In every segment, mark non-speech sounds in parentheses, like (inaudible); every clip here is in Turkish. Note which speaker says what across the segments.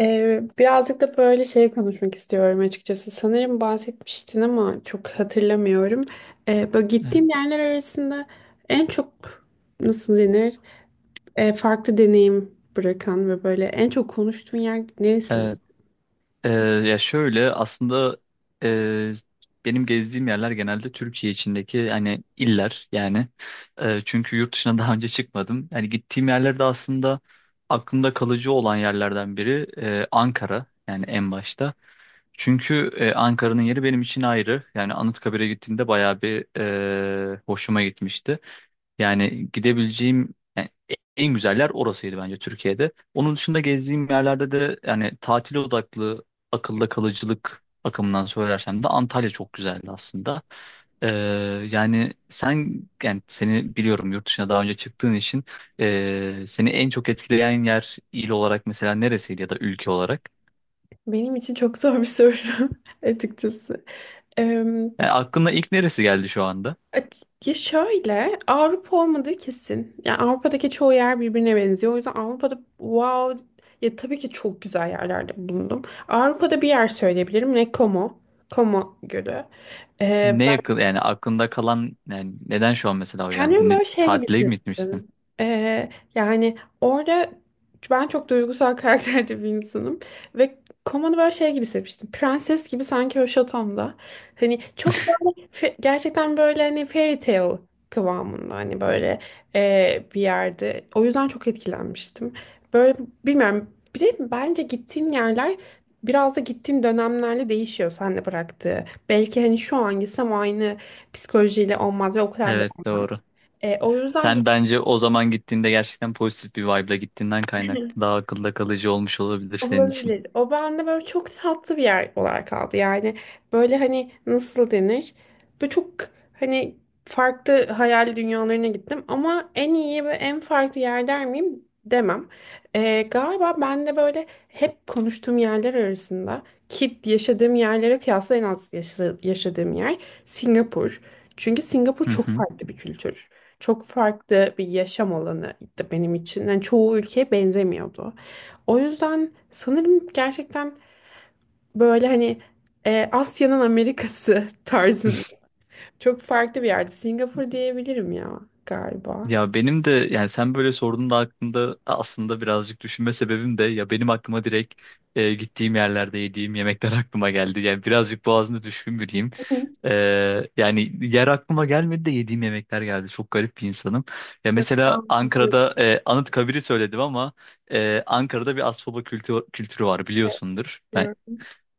Speaker 1: Birazcık da böyle şey konuşmak istiyorum açıkçası. Sanırım bahsetmiştin ama çok hatırlamıyorum. Böyle
Speaker 2: Evet.
Speaker 1: gittiğin yerler arasında en çok nasıl denir? Farklı deneyim bırakan ve böyle en çok konuştuğun yer neresi mi?
Speaker 2: Evet, e, ya şöyle aslında e, benim gezdiğim yerler genelde Türkiye içindeki hani iller yani. Çünkü yurt dışına daha önce çıkmadım. Yani gittiğim yerler de aslında aklımda kalıcı olan yerlerden biri Ankara yani en başta. Çünkü Ankara'nın yeri benim için ayrı. Yani Anıtkabir'e gittiğimde bayağı bir hoşuma gitmişti. Yani gidebileceğim yani en güzel yer orasıydı bence Türkiye'de. Onun dışında gezdiğim yerlerde de yani tatil odaklı akılda kalıcılık bakımından söylersem de Antalya çok güzeldi aslında. E, Yani sen yani seni biliyorum yurt dışına daha önce çıktığın için seni en çok etkileyen yer il olarak mesela neresiydi ya da ülke olarak?
Speaker 1: Benim için çok zor bir soru (laughs) açıkçası. Ee,
Speaker 2: Yani aklına ilk neresi geldi şu anda?
Speaker 1: Ya şöyle Avrupa olmadığı kesin. Yani Avrupa'daki çoğu yer birbirine benziyor. O yüzden Avrupa'da wow, ya tabii ki çok güzel yerlerde bulundum. Avrupa'da bir yer söyleyebilirim. Ne Como. Como Gölü.
Speaker 2: Ne yakın yani aklında kalan yani neden şu an mesela o geldi?
Speaker 1: Kendimi böyle şey gibi
Speaker 2: Tatile mi gitmiştin?
Speaker 1: hissettim. Ee, yani orada ben çok duygusal (laughs) karakterde bir insanım. Ve komanı böyle şey gibi hissetmiştim. Prenses gibi sanki o şatomda. Hani çok böyle gerçekten böyle hani fairy tale kıvamında hani böyle bir yerde. O yüzden çok etkilenmiştim. Böyle bilmiyorum. Bir de bence gittiğin yerler biraz da gittiğin dönemlerle değişiyor sen de bıraktığı. Belki hani şu an gitsem aynı psikolojiyle olmaz ve o kadar,
Speaker 2: Evet, doğru.
Speaker 1: o yüzden gibi
Speaker 2: Sen bence o zaman gittiğinde gerçekten pozitif bir vibe'la gittiğinden kaynaklı daha akılda kalıcı olmuş olabilir senin için.
Speaker 1: olabilir. O bende böyle çok tatlı bir yer olarak kaldı. Yani böyle hani nasıl denir? Böyle çok hani farklı hayal dünyalarına gittim ama en iyi ve en farklı yer der miyim? Demem. E, galiba ben de böyle hep konuştuğum yerler arasında ki yaşadığım yerlere kıyasla en az yaşadığım yer Singapur. Çünkü Singapur
Speaker 2: Hı
Speaker 1: çok
Speaker 2: hı.
Speaker 1: farklı bir kültür. Çok farklı bir yaşam alanı benim için. Yani çoğu ülkeye benzemiyordu. O yüzden sanırım gerçekten böyle hani, Asya'nın Amerika'sı (laughs) tarzında çok farklı bir yerde. Singapur diyebilirim ya galiba.
Speaker 2: Ya benim de yani sen böyle sorduğunda aklımda aslında birazcık düşünme sebebim de ya benim aklıma direkt gittiğim yerlerde yediğim yemekler (laughs) aklıma geldi. Yani birazcık boğazında düşkün biriyim.
Speaker 1: Hı hı.
Speaker 2: E, Yani yer aklıma gelmedi de yediğim yemekler geldi. Çok garip bir insanım. Ya mesela
Speaker 1: Ben biliyorum,
Speaker 2: Ankara'da Anıtkabir'i söyledim ama Ankara'da bir Asfoba kültürü var
Speaker 1: evet,
Speaker 2: biliyorsundur. Ben
Speaker 1: biliyorum.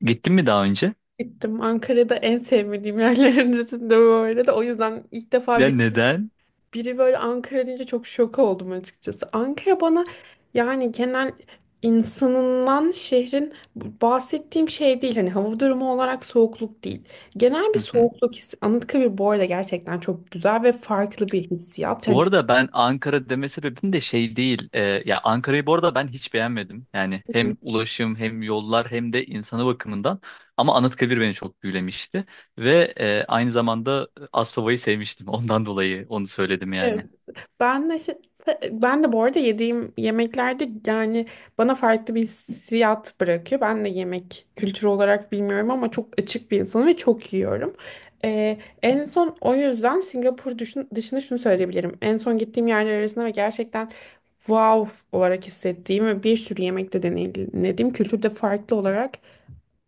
Speaker 2: gittim mi daha önce?
Speaker 1: Gittim, Ankara'da en sevmediğim yerlerin arasında bu arada. O yüzden ilk defa
Speaker 2: Ya
Speaker 1: bir
Speaker 2: neden?
Speaker 1: biri böyle Ankara deyince çok şok oldum açıkçası. Ankara bana, yani genel insanından şehrin, bahsettiğim şey değil. Hani hava durumu olarak soğukluk değil. Genel bir
Speaker 2: (laughs)
Speaker 1: soğukluk hissi. Anıtkabir bu arada gerçekten çok güzel ve farklı bir hissiyat. Yani
Speaker 2: Bu arada ben Ankara deme sebebim de şey değil. Ya Ankara'yı bu arada ben hiç beğenmedim. Yani hem ulaşım hem yollar hem de insanı bakımından. Ama Anıtkabir beni çok büyülemişti. Ve aynı zamanda Aspava'yı sevmiştim. (laughs) Ondan dolayı onu söyledim
Speaker 1: çok-
Speaker 2: yani.
Speaker 1: Ben de, şey- ben de bu arada yediğim yemeklerde yani bana farklı bir hissiyat bırakıyor. Ben de yemek kültürü olarak bilmiyorum ama çok açık bir insanım ve çok yiyorum. En son o yüzden Singapur dışında şunu söyleyebilirim. En son gittiğim yerler arasında ve gerçekten wow olarak hissettiğim ve bir sürü yemekte deneyimlediğim kültürde farklı olarak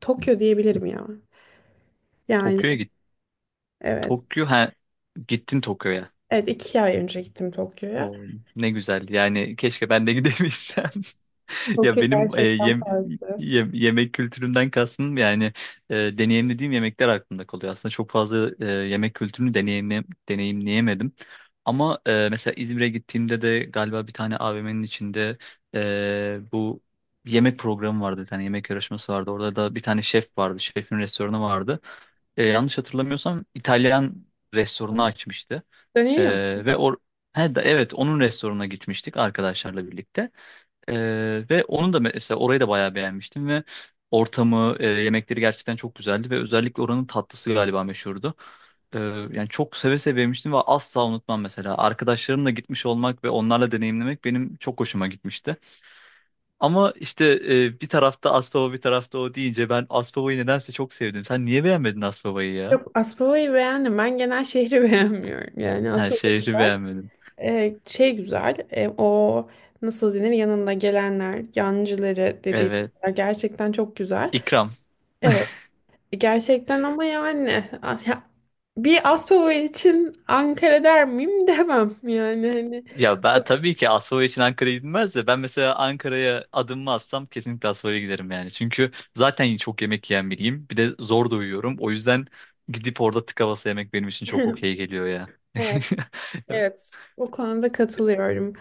Speaker 1: Tokyo diyebilirim ya. Yani
Speaker 2: Tokyo'ya git.
Speaker 1: evet.
Speaker 2: Tokyo, ha, gittin Tokyo'ya.
Speaker 1: Evet, iki ay önce gittim Tokyo'ya.
Speaker 2: O ne güzel. Yani keşke ben de gidebilsem. (laughs) Ya
Speaker 1: Tokyo
Speaker 2: benim
Speaker 1: gerçekten farklı.
Speaker 2: yemek kültürümden kastım yani deneyimlediğim yemekler aklımda kalıyor. Aslında çok fazla yemek kültürünü deneyimleyemedim. Ama mesela İzmir'e gittiğimde de galiba bir tane AVM'nin içinde e, bu yemek programı vardı. Bir tane yemek yarışması vardı. Orada da bir tane şef vardı. Şefin restoranı vardı. Yanlış hatırlamıyorsam İtalyan
Speaker 1: Hı.
Speaker 2: restoranı açmıştı.
Speaker 1: Dönüyor.
Speaker 2: Ve or He, evet, onun restoranına gitmiştik arkadaşlarla birlikte. Ve onun da mesela orayı da bayağı beğenmiştim ve yemekleri gerçekten çok güzeldi ve özellikle oranın tatlısı galiba meşhurdu. Ee, Yani çok seve seve yemiştim ve asla unutmam mesela. Arkadaşlarımla gitmiş olmak ve onlarla deneyimlemek benim çok hoşuma gitmişti. Ama işte bir tarafta Aspava bir tarafta o deyince ben Aspava'yı nedense çok sevdim. Sen niye beğenmedin Aspava'yı ya?
Speaker 1: Yok, Aspava'yı beğendim. Ben genel şehri (laughs) beğenmiyorum. Yani
Speaker 2: Ha,
Speaker 1: Aspava
Speaker 2: şehri
Speaker 1: güzel.
Speaker 2: beğenmedim.
Speaker 1: Şey güzel. O nasıl denir? Yanında gelenler, yancıları
Speaker 2: Evet.
Speaker 1: dediğimiz yer gerçekten çok güzel.
Speaker 2: İkram.
Speaker 1: Evet. Gerçekten ama yani ya, bir Aspava için Ankara der miyim (laughs) demem. Yani
Speaker 2: Ya ben tabii ki Asfalya için Ankara'ya gidilmez de ben mesela Ankara'ya adımımı atsam kesinlikle Asfalya giderim yani. Çünkü zaten çok yemek yiyen biriyim. Bir de zor da uyuyorum. O yüzden gidip orada tık havası yemek benim için çok
Speaker 1: hani.
Speaker 2: okey geliyor ya.
Speaker 1: (laughs)
Speaker 2: (laughs)
Speaker 1: (laughs) Evet, o konuda katılıyorum.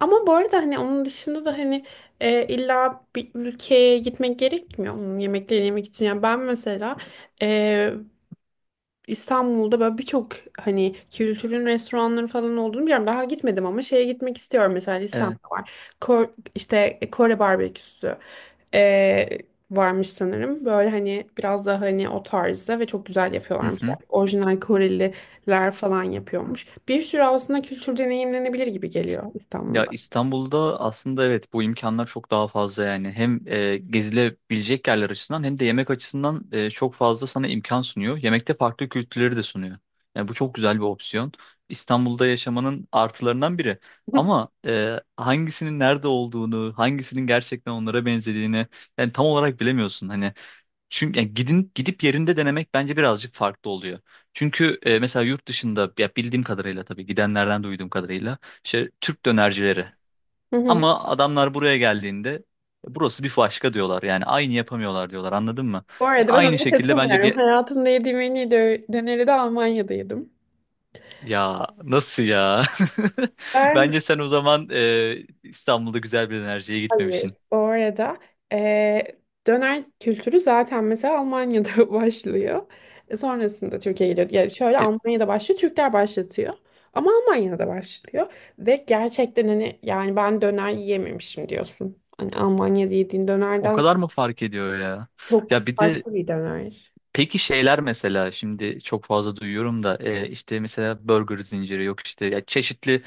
Speaker 1: Ama bu arada hani onun dışında da hani, illa bir ülkeye gitmek gerekmiyor onun yemeklerini yemek için. Yani ben mesela, e, İstanbul'da böyle birçok hani kültürün restoranları falan olduğunu biliyorum. Daha gitmedim ama şeye gitmek istiyorum. Mesela
Speaker 2: Evet.
Speaker 1: İstanbul'da var. Kore barbeküsü ee, varmış sanırım. Böyle hani biraz daha hani o tarzda ve çok güzel
Speaker 2: Hı
Speaker 1: yapıyorlarmış.
Speaker 2: hı.
Speaker 1: Yani orijinal Koreliler falan yapıyormuş. Bir sürü aslında kültür deneyimlenebilir gibi geliyor
Speaker 2: Ya
Speaker 1: İstanbul'da.
Speaker 2: İstanbul'da aslında evet bu imkanlar çok daha fazla yani. Hem gezilebilecek yerler açısından hem de yemek açısından çok fazla sana imkan sunuyor. Yemekte farklı kültürleri de sunuyor. Yani bu çok güzel bir opsiyon. İstanbul'da yaşamanın artılarından biri.
Speaker 1: (laughs)
Speaker 2: Ama hangisinin nerede olduğunu, hangisinin gerçekten onlara benzediğini yani tam olarak bilemiyorsun. Hani çünkü yani gidin gidip yerinde denemek bence birazcık farklı oluyor. Çünkü mesela yurt dışında ya bildiğim kadarıyla tabii gidenlerden duyduğum kadarıyla işte Türk dönercileri.
Speaker 1: Hı hı.
Speaker 2: Ama adamlar buraya geldiğinde "E, burası bir başka" diyorlar. Yani aynı yapamıyorlar diyorlar. Anladın mı?
Speaker 1: Bu arada ben
Speaker 2: Aynı
Speaker 1: ona
Speaker 2: şekilde bence
Speaker 1: katılmıyorum.
Speaker 2: diye
Speaker 1: Hayatımda yediğim en iyi döneri de Almanya'da yedim.
Speaker 2: ya nasıl ya? (laughs)
Speaker 1: Ben
Speaker 2: Bence sen o zaman İstanbul'da güzel bir dönerciye
Speaker 1: hayır.
Speaker 2: gitmemişsin.
Speaker 1: Bu arada eee, döner kültürü zaten mesela Almanya'da (laughs) başlıyor. E, sonrasında Türkiye'ye geliyor. Yani şöyle
Speaker 2: E,
Speaker 1: Almanya'da başlıyor, Türkler başlatıyor. Ama Almanya'da başlıyor. Ve gerçekten hani yani ben döner yiyememişim diyorsun. Hani Almanya'da yediğin
Speaker 2: O
Speaker 1: dönerden
Speaker 2: kadar mı fark ediyor ya?
Speaker 1: çok
Speaker 2: Ya bir de
Speaker 1: farklı bir döner.
Speaker 2: peki şeyler mesela şimdi çok fazla duyuyorum da işte mesela burger zinciri yok işte ya çeşitli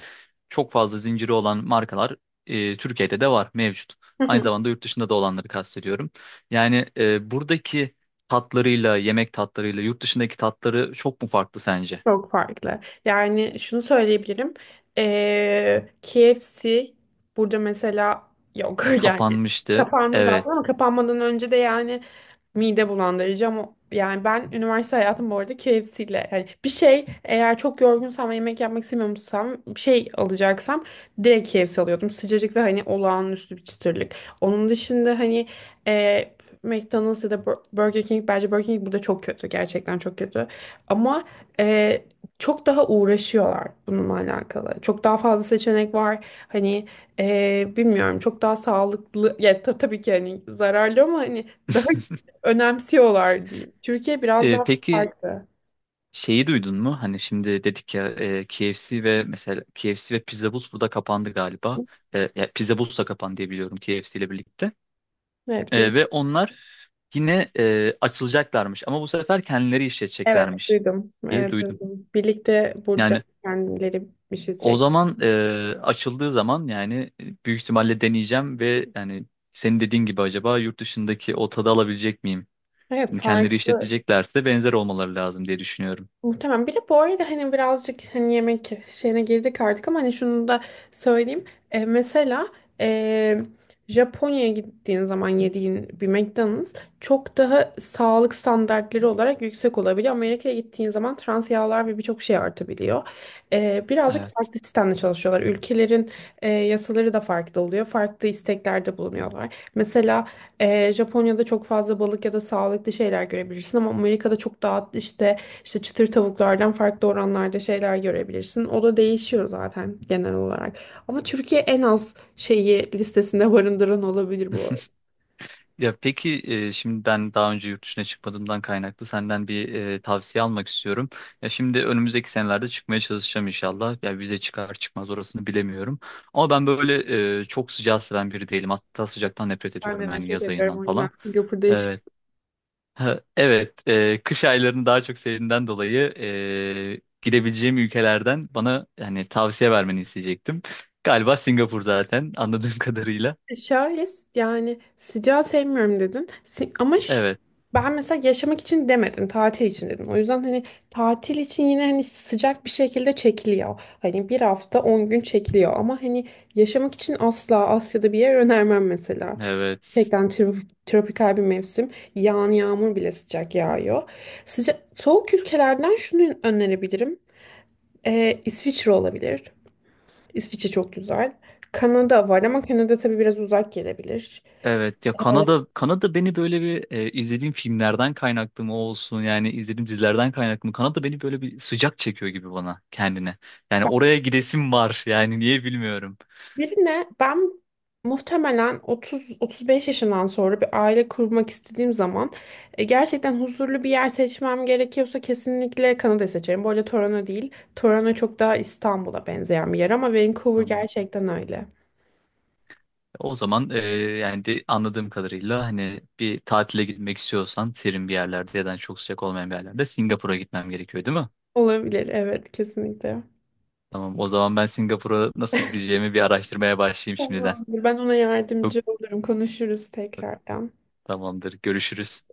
Speaker 2: çok fazla zinciri olan markalar Türkiye'de de var mevcut. Aynı
Speaker 1: (laughs)
Speaker 2: zamanda yurt dışında da olanları kastediyorum. Yani buradaki tatlarıyla yemek tatlarıyla yurt dışındaki tatları çok mu farklı sence?
Speaker 1: Çok farklı. Yani şunu söyleyebilirim. KFC burada mesela yok. (laughs) Yani
Speaker 2: Kapanmıştı.
Speaker 1: kapandı zaten
Speaker 2: Evet.
Speaker 1: ama kapanmadan önce de yani mide bulandırıcı ama yani ben üniversite hayatım bu arada KFC ile, yani bir şey, eğer çok yorgunsam ve yemek yapmak istemiyorsam bir şey alacaksam direkt KFC alıyordum. Sıcacık ve hani olağanüstü bir çıtırlık. Onun dışında hani, e, McDonald's ya da Burger King, bence Burger King burada çok kötü, gerçekten çok kötü. Ama ee, çok daha uğraşıyorlar bununla alakalı. Çok daha fazla seçenek var. Hani bilmiyorum, çok daha sağlıklı. Ya tabii ki hani zararlı ama hani daha
Speaker 2: (laughs)
Speaker 1: (laughs) önemsiyorlar diyeyim. Türkiye biraz daha
Speaker 2: Peki,
Speaker 1: farklı.
Speaker 2: şeyi duydun mu? Hani şimdi dedik ya KFC ve mesela KFC ve Pizza Bus burada kapandı galiba. Ya Pizza Bus da kapandı diye biliyorum KFC ile birlikte.
Speaker 1: Evet,
Speaker 2: Ve onlar yine açılacaklarmış ama bu sefer kendileri
Speaker 1: evet
Speaker 2: işleteceklermiş
Speaker 1: duydum.
Speaker 2: diye
Speaker 1: Evet
Speaker 2: duydum.
Speaker 1: duydum. Birlikte burada
Speaker 2: Yani
Speaker 1: kendileri bir şey
Speaker 2: o
Speaker 1: çek.
Speaker 2: zaman açıldığı zaman yani büyük ihtimalle deneyeceğim ve yani senin dediğin gibi acaba yurt dışındaki o tadı alabilecek miyim?
Speaker 1: Evet
Speaker 2: Şimdi kendileri
Speaker 1: farklı.
Speaker 2: işleteceklerse benzer olmaları lazım diye düşünüyorum.
Speaker 1: Muhtemelen. Bir de bu arada hani birazcık hani yemek şeyine girdik artık ama hani şunu da söyleyeyim. Mesela e, Japonya'ya gittiğin zaman yediğin bir McDonald's çok daha sağlık standartları olarak yüksek olabiliyor. Amerika'ya gittiğin zaman trans yağlar ve birçok şey artabiliyor. Birazcık
Speaker 2: Evet.
Speaker 1: farklı sistemle çalışıyorlar. Ülkelerin, yasaları da farklı oluyor. Farklı isteklerde bulunuyorlar. Mesela, Japonya'da çok fazla balık ya da sağlıklı şeyler görebilirsin ama Amerika'da çok daha işte, çıtır tavuklardan farklı oranlarda şeyler görebilirsin. O da değişiyor zaten genel olarak. Ama Türkiye en az şeyi listesinde barındıran olabilir bu arada.
Speaker 2: (laughs) Ya peki şimdi ben daha önce yurt dışına çıkmadığımdan kaynaklı senden bir tavsiye almak istiyorum. Ya şimdi önümüzdeki senelerde çıkmaya çalışacağım inşallah. Ya vize çıkar çıkmaz orasını bilemiyorum. Ama ben böyle çok sıcağı seven biri değilim. Hatta sıcaktan nefret
Speaker 1: Ben de
Speaker 2: ediyorum yani
Speaker 1: nefret
Speaker 2: yaz
Speaker 1: ederim,
Speaker 2: ayından
Speaker 1: o yüzden
Speaker 2: falan.
Speaker 1: Singapur'da yaşıyorum.
Speaker 2: Evet. Ha, evet, kış aylarını daha çok sevdiğimden dolayı gidebileceğim ülkelerden bana yani tavsiye vermeni isteyecektim. Galiba Singapur zaten anladığım (laughs) kadarıyla.
Speaker 1: Şayet yani sıcağı sevmiyorum dedin.
Speaker 2: Evet,
Speaker 1: Ben mesela yaşamak için demedim, tatil için dedim. O yüzden hani tatil için yine hani sıcak bir şekilde çekiliyor. Hani bir hafta 10 gün çekiliyor ama hani yaşamak için asla Asya'da bir yer önermem mesela.
Speaker 2: evet.
Speaker 1: Gerçekten tropikal bir mevsim. Yağan yağmur bile sıcak yağıyor. Sıcak soğuk ülkelerden şunu önerebilirim. İsviçre olabilir. İsviçre çok güzel. Kanada var ama Kanada tabii biraz uzak gelebilir.
Speaker 2: Evet, ya Kanada, Kanada beni böyle bir izlediğim filmlerden kaynaklı mı olsun yani izlediğim dizilerden kaynaklı mı Kanada beni böyle bir sıcak çekiyor gibi bana kendine. Yani oraya gidesim var yani niye bilmiyorum.
Speaker 1: Birine ben muhtemelen 30-35 yaşından sonra bir aile kurmak istediğim zaman, gerçekten huzurlu bir yer seçmem gerekiyorsa kesinlikle Kanada'yı seçerim. Bu arada Toronto değil. Toronto çok daha İstanbul'a benzeyen bir yer ama Vancouver
Speaker 2: Tamam.
Speaker 1: gerçekten öyle.
Speaker 2: O zaman yani de anladığım kadarıyla hani bir tatile gitmek istiyorsan serin bir yerlerde ya da hani çok sıcak olmayan bir yerlerde Singapur'a gitmem gerekiyor değil mi?
Speaker 1: Olabilir, evet kesinlikle.
Speaker 2: Tamam, o zaman ben Singapur'a nasıl gideceğimi bir araştırmaya başlayayım şimdiden.
Speaker 1: Tamamdır. Ben ona
Speaker 2: Çok
Speaker 1: yardımcı olurum. Konuşuruz tekrardan.
Speaker 2: tamamdır, görüşürüz.